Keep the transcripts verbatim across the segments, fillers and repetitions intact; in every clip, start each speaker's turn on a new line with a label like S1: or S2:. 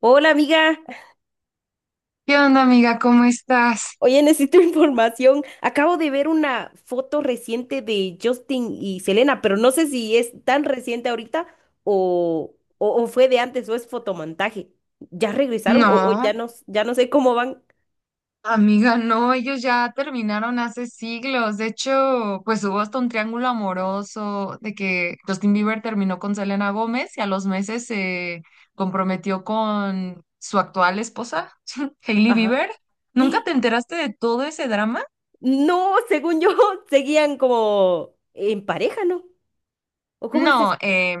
S1: Hola amiga,
S2: ¿Qué onda, amiga? ¿Cómo estás?
S1: oye, necesito información. Acabo de ver una foto reciente de Justin y Selena, pero no sé si es tan reciente ahorita o, o, o fue de antes o es fotomontaje. ¿Ya regresaron o, o
S2: No,
S1: ya no, s- ya no sé cómo van?
S2: amiga, no, ellos ya terminaron hace siglos. De hecho, pues hubo hasta un triángulo amoroso de que Justin Bieber terminó con Selena Gómez y a los meses se comprometió con su actual esposa, Hailey
S1: Ajá.
S2: Bieber. ¿Nunca te enteraste de todo ese drama?
S1: No, según yo, seguían como en pareja, ¿no? ¿O cómo es eso?
S2: No, eh,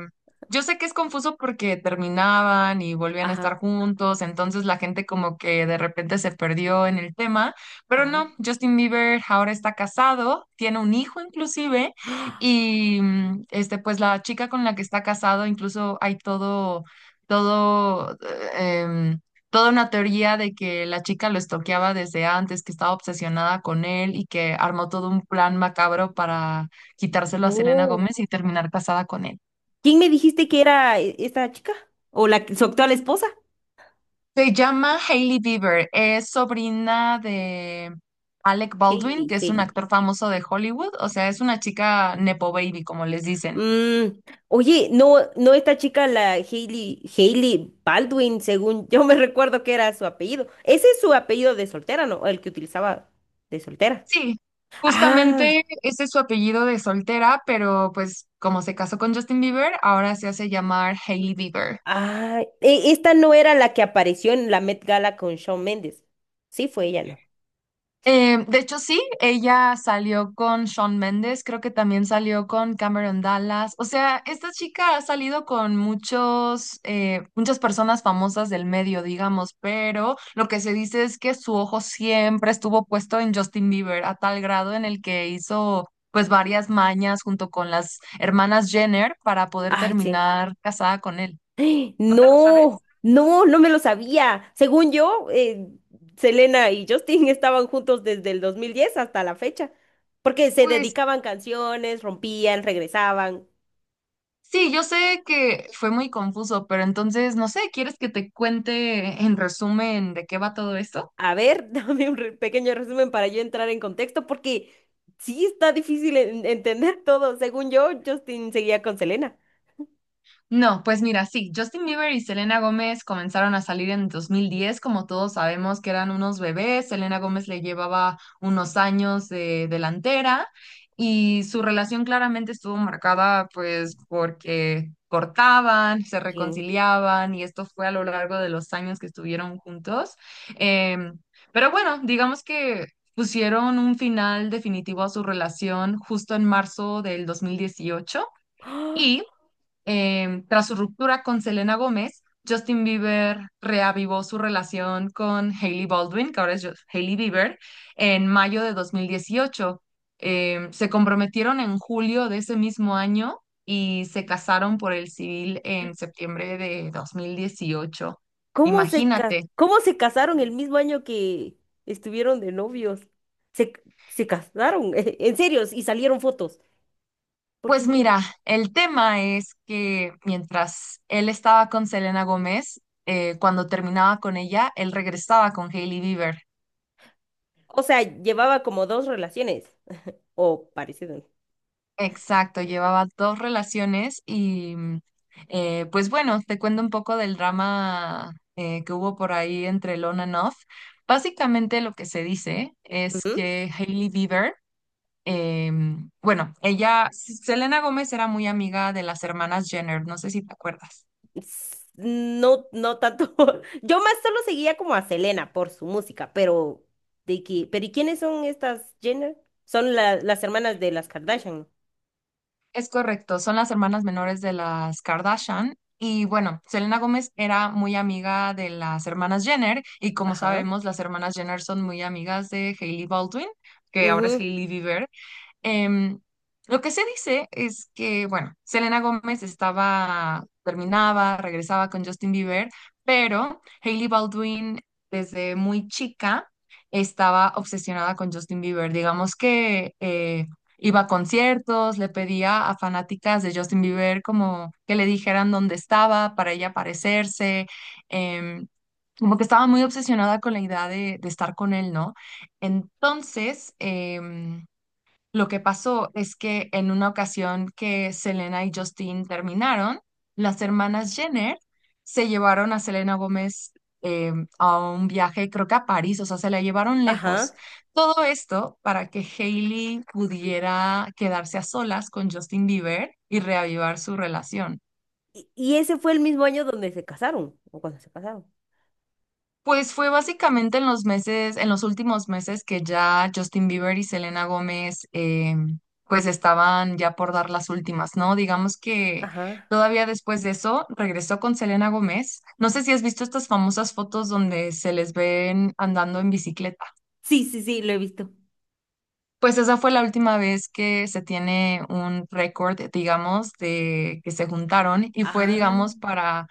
S2: yo sé que es confuso porque terminaban y volvían a
S1: Ajá,
S2: estar juntos, entonces la gente como que de repente se perdió en el tema, pero
S1: ajá.
S2: no, Justin Bieber ahora está casado, tiene un hijo inclusive,
S1: ¡Ah!
S2: y mm, este, pues la chica con la que está casado, incluso hay todo, todo, eh, em, toda una teoría de que la chica lo estoqueaba desde antes, que estaba obsesionada con él y que armó todo un plan macabro para quitárselo a Selena
S1: Oh.
S2: Gómez y terminar casada con él.
S1: ¿Quién me dijiste que era e- esta chica? ¿O la, su actual esposa?
S2: Se llama Hailey Bieber, es sobrina de Alec Baldwin,
S1: Hailey,
S2: que es un
S1: Hailey.
S2: actor famoso de Hollywood, o sea, es una chica nepo baby, como les dicen.
S1: Mm, oye, no, no esta chica, la Hailey, Hailey Baldwin, según yo me recuerdo que era su apellido. Ese es su apellido de soltera, ¿no? El que utilizaba de soltera.
S2: Sí,
S1: Ah,
S2: justamente ese es su apellido de soltera, pero pues como se casó con Justin Bieber, ahora se hace llamar Hailey Bieber.
S1: ah, e- esta no era la que apareció en la Met Gala con Shawn Mendes. Sí, fue ella, ¿no?
S2: Eh, de hecho, sí, ella salió con Shawn Mendes, creo que también salió con Cameron Dallas. O sea, esta chica ha salido con muchos, eh, muchas personas famosas del medio, digamos, pero lo que se dice es que su ojo siempre estuvo puesto en Justin Bieber, a tal grado en el que hizo pues varias mañas junto con las hermanas Jenner para poder
S1: Ah, sí.
S2: terminar casada con él. ¿No te lo sabes?
S1: No, no, no me lo sabía. Según yo, eh, Selena y Justin estaban juntos desde el dos mil diez hasta la fecha, porque se
S2: Pues
S1: dedicaban canciones, rompían, regresaban.
S2: sí, yo sé que fue muy confuso, pero entonces, no sé, ¿quieres que te cuente en resumen de qué va todo esto?
S1: A ver, dame un re- pequeño resumen para yo entrar en contexto, porque sí está difícil en- entender todo. Según yo, Justin seguía con Selena.
S2: No, pues mira, sí, Justin Bieber y Selena Gómez comenzaron a salir en dos mil diez, como todos sabemos que eran unos bebés, Selena Gómez le llevaba unos años de delantera y su relación claramente estuvo marcada pues porque cortaban, se
S1: Sí.
S2: reconciliaban y esto fue a lo largo de los años que estuvieron juntos. Em, pero bueno, digamos que pusieron un final definitivo a su relación justo en marzo del dos mil dieciocho.
S1: ¡Ah!
S2: Y Em, tras su ruptura con Selena Gómez, Justin Bieber reavivó su relación con Hailey Baldwin, que ahora es Ju- Hailey Bieber, en mayo de dos mil dieciocho. Em, se comprometieron en julio de ese mismo año y se casaron por el civil en septiembre de dos mil dieciocho.
S1: ¿Cómo se ca-
S2: Imagínate.
S1: cómo se casaron el mismo año que estuvieron de novios? Se, se casaron, en serio, y salieron fotos. ¿Porque
S2: Pues
S1: yo no?
S2: mira, el tema es que mientras él estaba con Selena Gómez, eh, cuando terminaba con ella, él regresaba con Hailey Bieber.
S1: O sea, llevaba como dos relaciones, o parecido.
S2: Exacto, llevaba dos relaciones y mm, eh, pues bueno, te cuento un poco del drama eh, que hubo por ahí entre Lon and Off. Básicamente lo que se dice es que Hailey Bieber, em, bueno, ella, Selena Gómez era muy amiga de las hermanas Jenner, no sé si te acuerdas.
S1: s- No, no tanto. Yo más solo seguía como a Selena por su música, pero de que, pero ¿y quiénes son estas Jenner? Son la- las hermanas de las Kardashian.
S2: Es correcto, son las hermanas menores de las Kardashian. Y bueno, Selena Gómez era muy amiga de las hermanas Jenner y como
S1: Ajá.
S2: sabemos, las hermanas Jenner son muy amigas de Hailey Baldwin, que ahora es
S1: Ujú.
S2: Hailey Bieber. Em, lo que se dice es que, bueno, Selena Gómez estaba, terminaba, regresaba con Justin Bieber, pero Hailey Baldwin desde muy chica estaba obsesionada con Justin Bieber. Digamos que eh, iba a conciertos, le pedía a fanáticas de Justin Bieber como que le dijeran dónde estaba para ella aparecerse. em, Como que estaba muy obsesionada con la idea de, de estar con él, ¿no? Entonces, em, lo que pasó es que en una ocasión que Selena y Justin terminaron, las hermanas Jenner se llevaron a Selena Gómez eh, a un viaje, creo que a París, o sea, se la llevaron lejos.
S1: Ajá.
S2: Todo esto para que Hailey pudiera quedarse a solas con Justin Bieber y reavivar su relación.
S1: Y, y ese fue el mismo año donde se casaron, o cuando se casaron.
S2: Pues fue básicamente en los meses, en los últimos meses que ya Justin Bieber y Selena Gómez eh, pues estaban ya por dar las últimas, ¿no? Digamos que
S1: Ajá.
S2: todavía después de eso regresó con Selena Gómez. No sé si has visto estas famosas fotos donde se les ven andando en bicicleta.
S1: Sí, sí, sí, lo he visto.
S2: Pues esa fue la última vez que se tiene un récord, digamos, de que se juntaron y fue,
S1: Ajá.
S2: digamos, para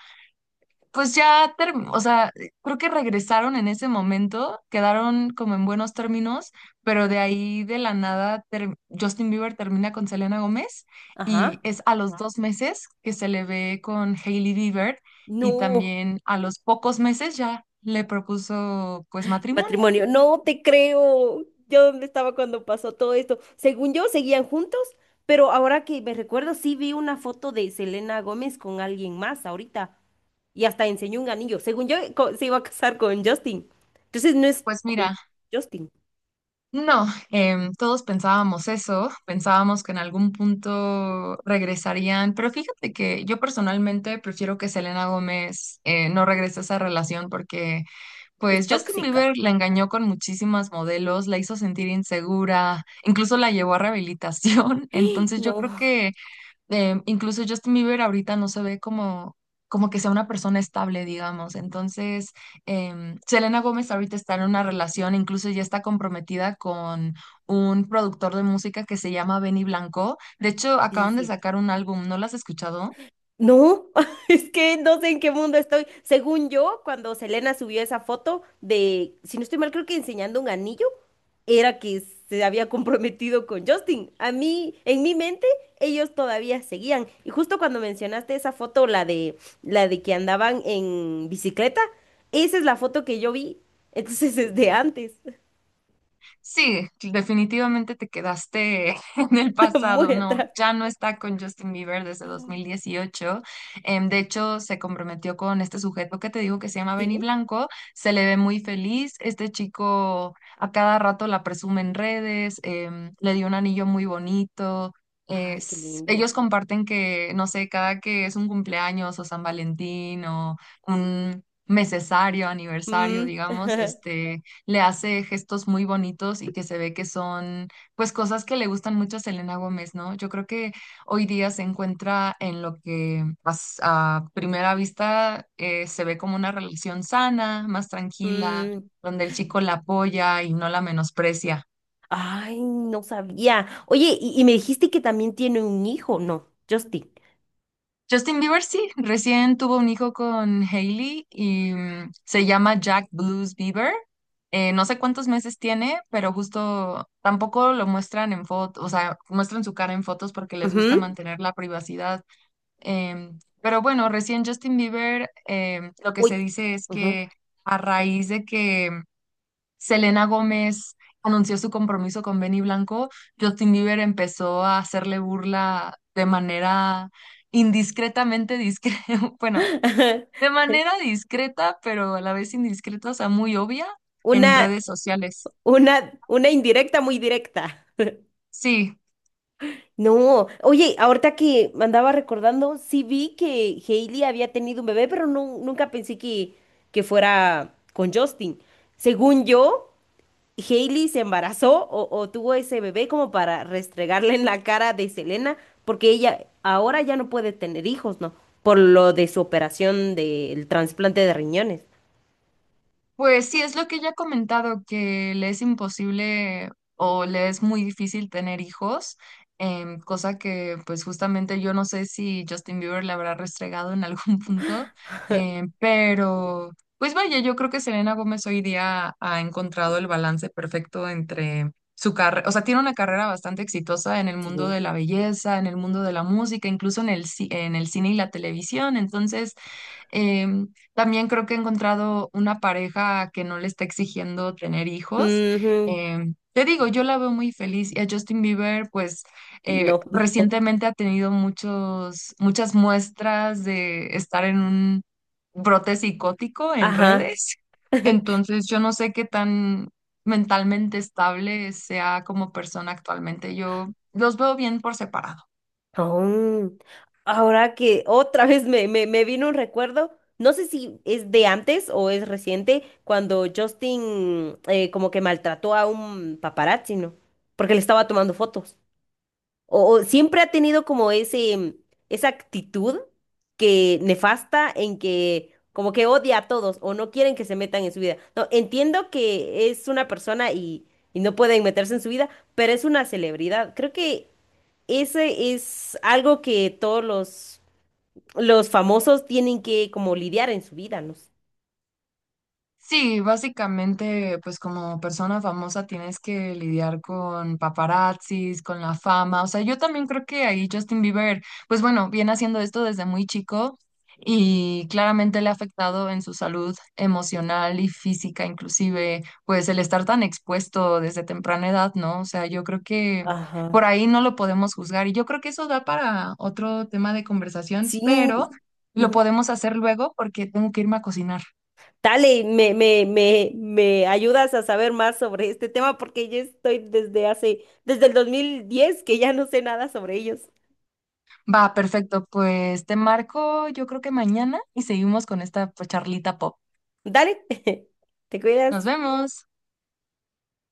S2: pues ya, term- o sea, creo que regresaron en ese momento, quedaron como en buenos términos, pero de ahí de la nada ter- Justin Bieber termina con Selena Gómez y
S1: Ajá.
S2: es a los dos meses que se le ve con Hailey Bieber y
S1: No.
S2: también a los pocos meses ya le propuso pues matrimonio.
S1: Matrimonio, no te creo. ¿Yo dónde estaba cuando pasó todo esto? Según yo, seguían juntos, pero ahora que me recuerdo, sí vi una foto de Selena Gómez con alguien más ahorita y hasta enseñó un anillo. Según yo, co- se iba a casar con Justin. Entonces no es
S2: Pues
S1: con
S2: mira,
S1: Justin,
S2: no, em, todos pensábamos eso, pensábamos que en algún punto regresarían, pero fíjate que yo personalmente prefiero que Selena Gómez eh, no regrese a esa relación porque
S1: es
S2: pues Justin
S1: tóxica.
S2: Bieber la engañó con muchísimas modelos, la hizo sentir insegura, incluso la llevó a rehabilitación, entonces yo creo
S1: No,
S2: que eh, incluso Justin Bieber ahorita no se ve como, como que sea una persona estable, digamos. Entonces, em, Selena Gómez ahorita está en una relación, incluso ya está comprometida con un productor de música que se llama Benny Blanco. De hecho,
S1: sí, sí,
S2: acaban de
S1: sí.
S2: sacar un álbum, ¿no lo has escuchado?
S1: No, es que no sé en qué mundo estoy. Según yo, cuando Selena subió esa foto de, si no estoy mal, creo que enseñando un anillo, era que se había comprometido con Justin. A mí, en mi mente, ellos todavía seguían. Y justo cuando mencionaste esa foto, la de, la de que andaban en bicicleta, esa es la foto que yo vi. Entonces es de antes,
S2: Sí, definitivamente te quedaste en el
S1: muy
S2: pasado, no,
S1: atrás.
S2: ya no está con Justin Bieber desde
S1: Ah.
S2: dos mil dieciocho. Em, de hecho, se comprometió con este sujeto que te digo que se llama
S1: ¿Sí?
S2: Benny Blanco, se le ve muy feliz, este chico a cada rato la presume en redes, em, le dio un anillo muy bonito.
S1: Ay, qué
S2: Es-
S1: lindo.
S2: ellos comparten que, no sé, cada que es un cumpleaños o San Valentín o un... mesesario, aniversario,
S1: Mm,
S2: digamos, este, le hace gestos muy bonitos y que se ve que son pues cosas que le gustan mucho a Selena Gómez, ¿no? Yo creo que hoy día se encuentra en lo que as- a primera vista eh, se ve como una relación sana, más tranquila,
S1: mm.
S2: donde el chico la apoya y no la menosprecia.
S1: Ay, no sabía. Oye, y, y me dijiste que también tiene un hijo, ¿no? Justin.
S2: Justin Bieber sí, recién tuvo un hijo con Hailey y mm, se llama Jack Blues Bieber. Eh, no sé cuántos meses tiene, pero justo tampoco lo muestran en fotos, o sea, muestran su cara en fotos porque les gusta
S1: Ujú.
S2: mantener la privacidad. Em, pero bueno, recién Justin Bieber, em, lo que
S1: Uy.
S2: se dice es
S1: Ujú.
S2: que a raíz de que Selena Gómez anunció su compromiso con Benny Blanco, Justin Bieber empezó a hacerle burla de manera indiscretamente discreta, bueno, de manera discreta, pero a la vez indiscreta, o sea, muy obvia en
S1: Una,
S2: redes sociales.
S1: una, una indirecta muy directa.
S2: Sí,
S1: No, oye, ahorita que me andaba recordando, sí vi que Hailey había tenido un bebé, pero no, nunca pensé que, que fuera con Justin. Según yo, Hailey se embarazó o, o tuvo ese bebé como para restregarle en la cara de Selena, porque ella ahora ya no puede tener hijos, ¿no? Por lo de su operación del trasplante de riñones.
S2: pues sí, es lo que ella ha comentado, que le es imposible o le es muy difícil tener hijos, em, cosa que pues justamente yo no sé si Justin Bieber le habrá restregado en algún punto, em, pero pues vaya, yo creo que Selena Gómez hoy día ha encontrado el balance perfecto entre su carrera, o sea, tiene una carrera bastante exitosa en el
S1: Sí.
S2: mundo de la belleza, en el mundo de la música, incluso en el, ci- en el cine y la televisión, entonces... Em, También creo que he encontrado una pareja que no le está exigiendo tener hijos.
S1: Ujú.
S2: Em, te digo, yo la veo muy feliz y a Justin Bieber, pues eh,
S1: No.
S2: recientemente ha tenido muchos, muchas muestras de estar en un brote psicótico en
S1: Ajá.
S2: redes. Entonces, yo no sé qué tan mentalmente estable sea como persona actualmente. Yo los veo bien por separado.
S1: Oh. Ahora que otra vez me, me, me vino un recuerdo, no sé si es de antes o es reciente, cuando Justin eh, como que maltrató a un paparazzi, ¿no? Porque le estaba tomando fotos. O, o siempre ha tenido como ese, esa actitud que nefasta en que como que odia a todos o no quieren que se metan en su vida. No, entiendo que es una persona y, y no pueden meterse en su vida, pero es una celebridad. Creo que ese es algo que todos los, los famosos tienen que como lidiar en su vida, ¿no?
S2: Sí, básicamente, pues como persona famosa tienes que lidiar con paparazzis, con la fama. O sea, yo también creo que ahí Justin Bieber, pues bueno, viene haciendo esto desde muy chico y claramente le ha afectado en su salud emocional y física, inclusive, pues el estar tan expuesto desde temprana edad, ¿no? O sea, yo creo que
S1: Ajá.
S2: por ahí no lo podemos juzgar y yo creo que eso da para otro tema de conversación,
S1: Sí.
S2: pero lo
S1: Ujú.
S2: podemos hacer luego porque tengo que irme a cocinar.
S1: Dale, me, me, me, me ayudas a saber más sobre este tema porque yo estoy desde hace, desde el dos mil diez que ya no sé nada sobre ellos.
S2: Va, perfecto. Pues te marco, yo creo que mañana y seguimos con esta pues, charlita pop.
S1: Dale, te
S2: Nos
S1: cuidas.
S2: vemos.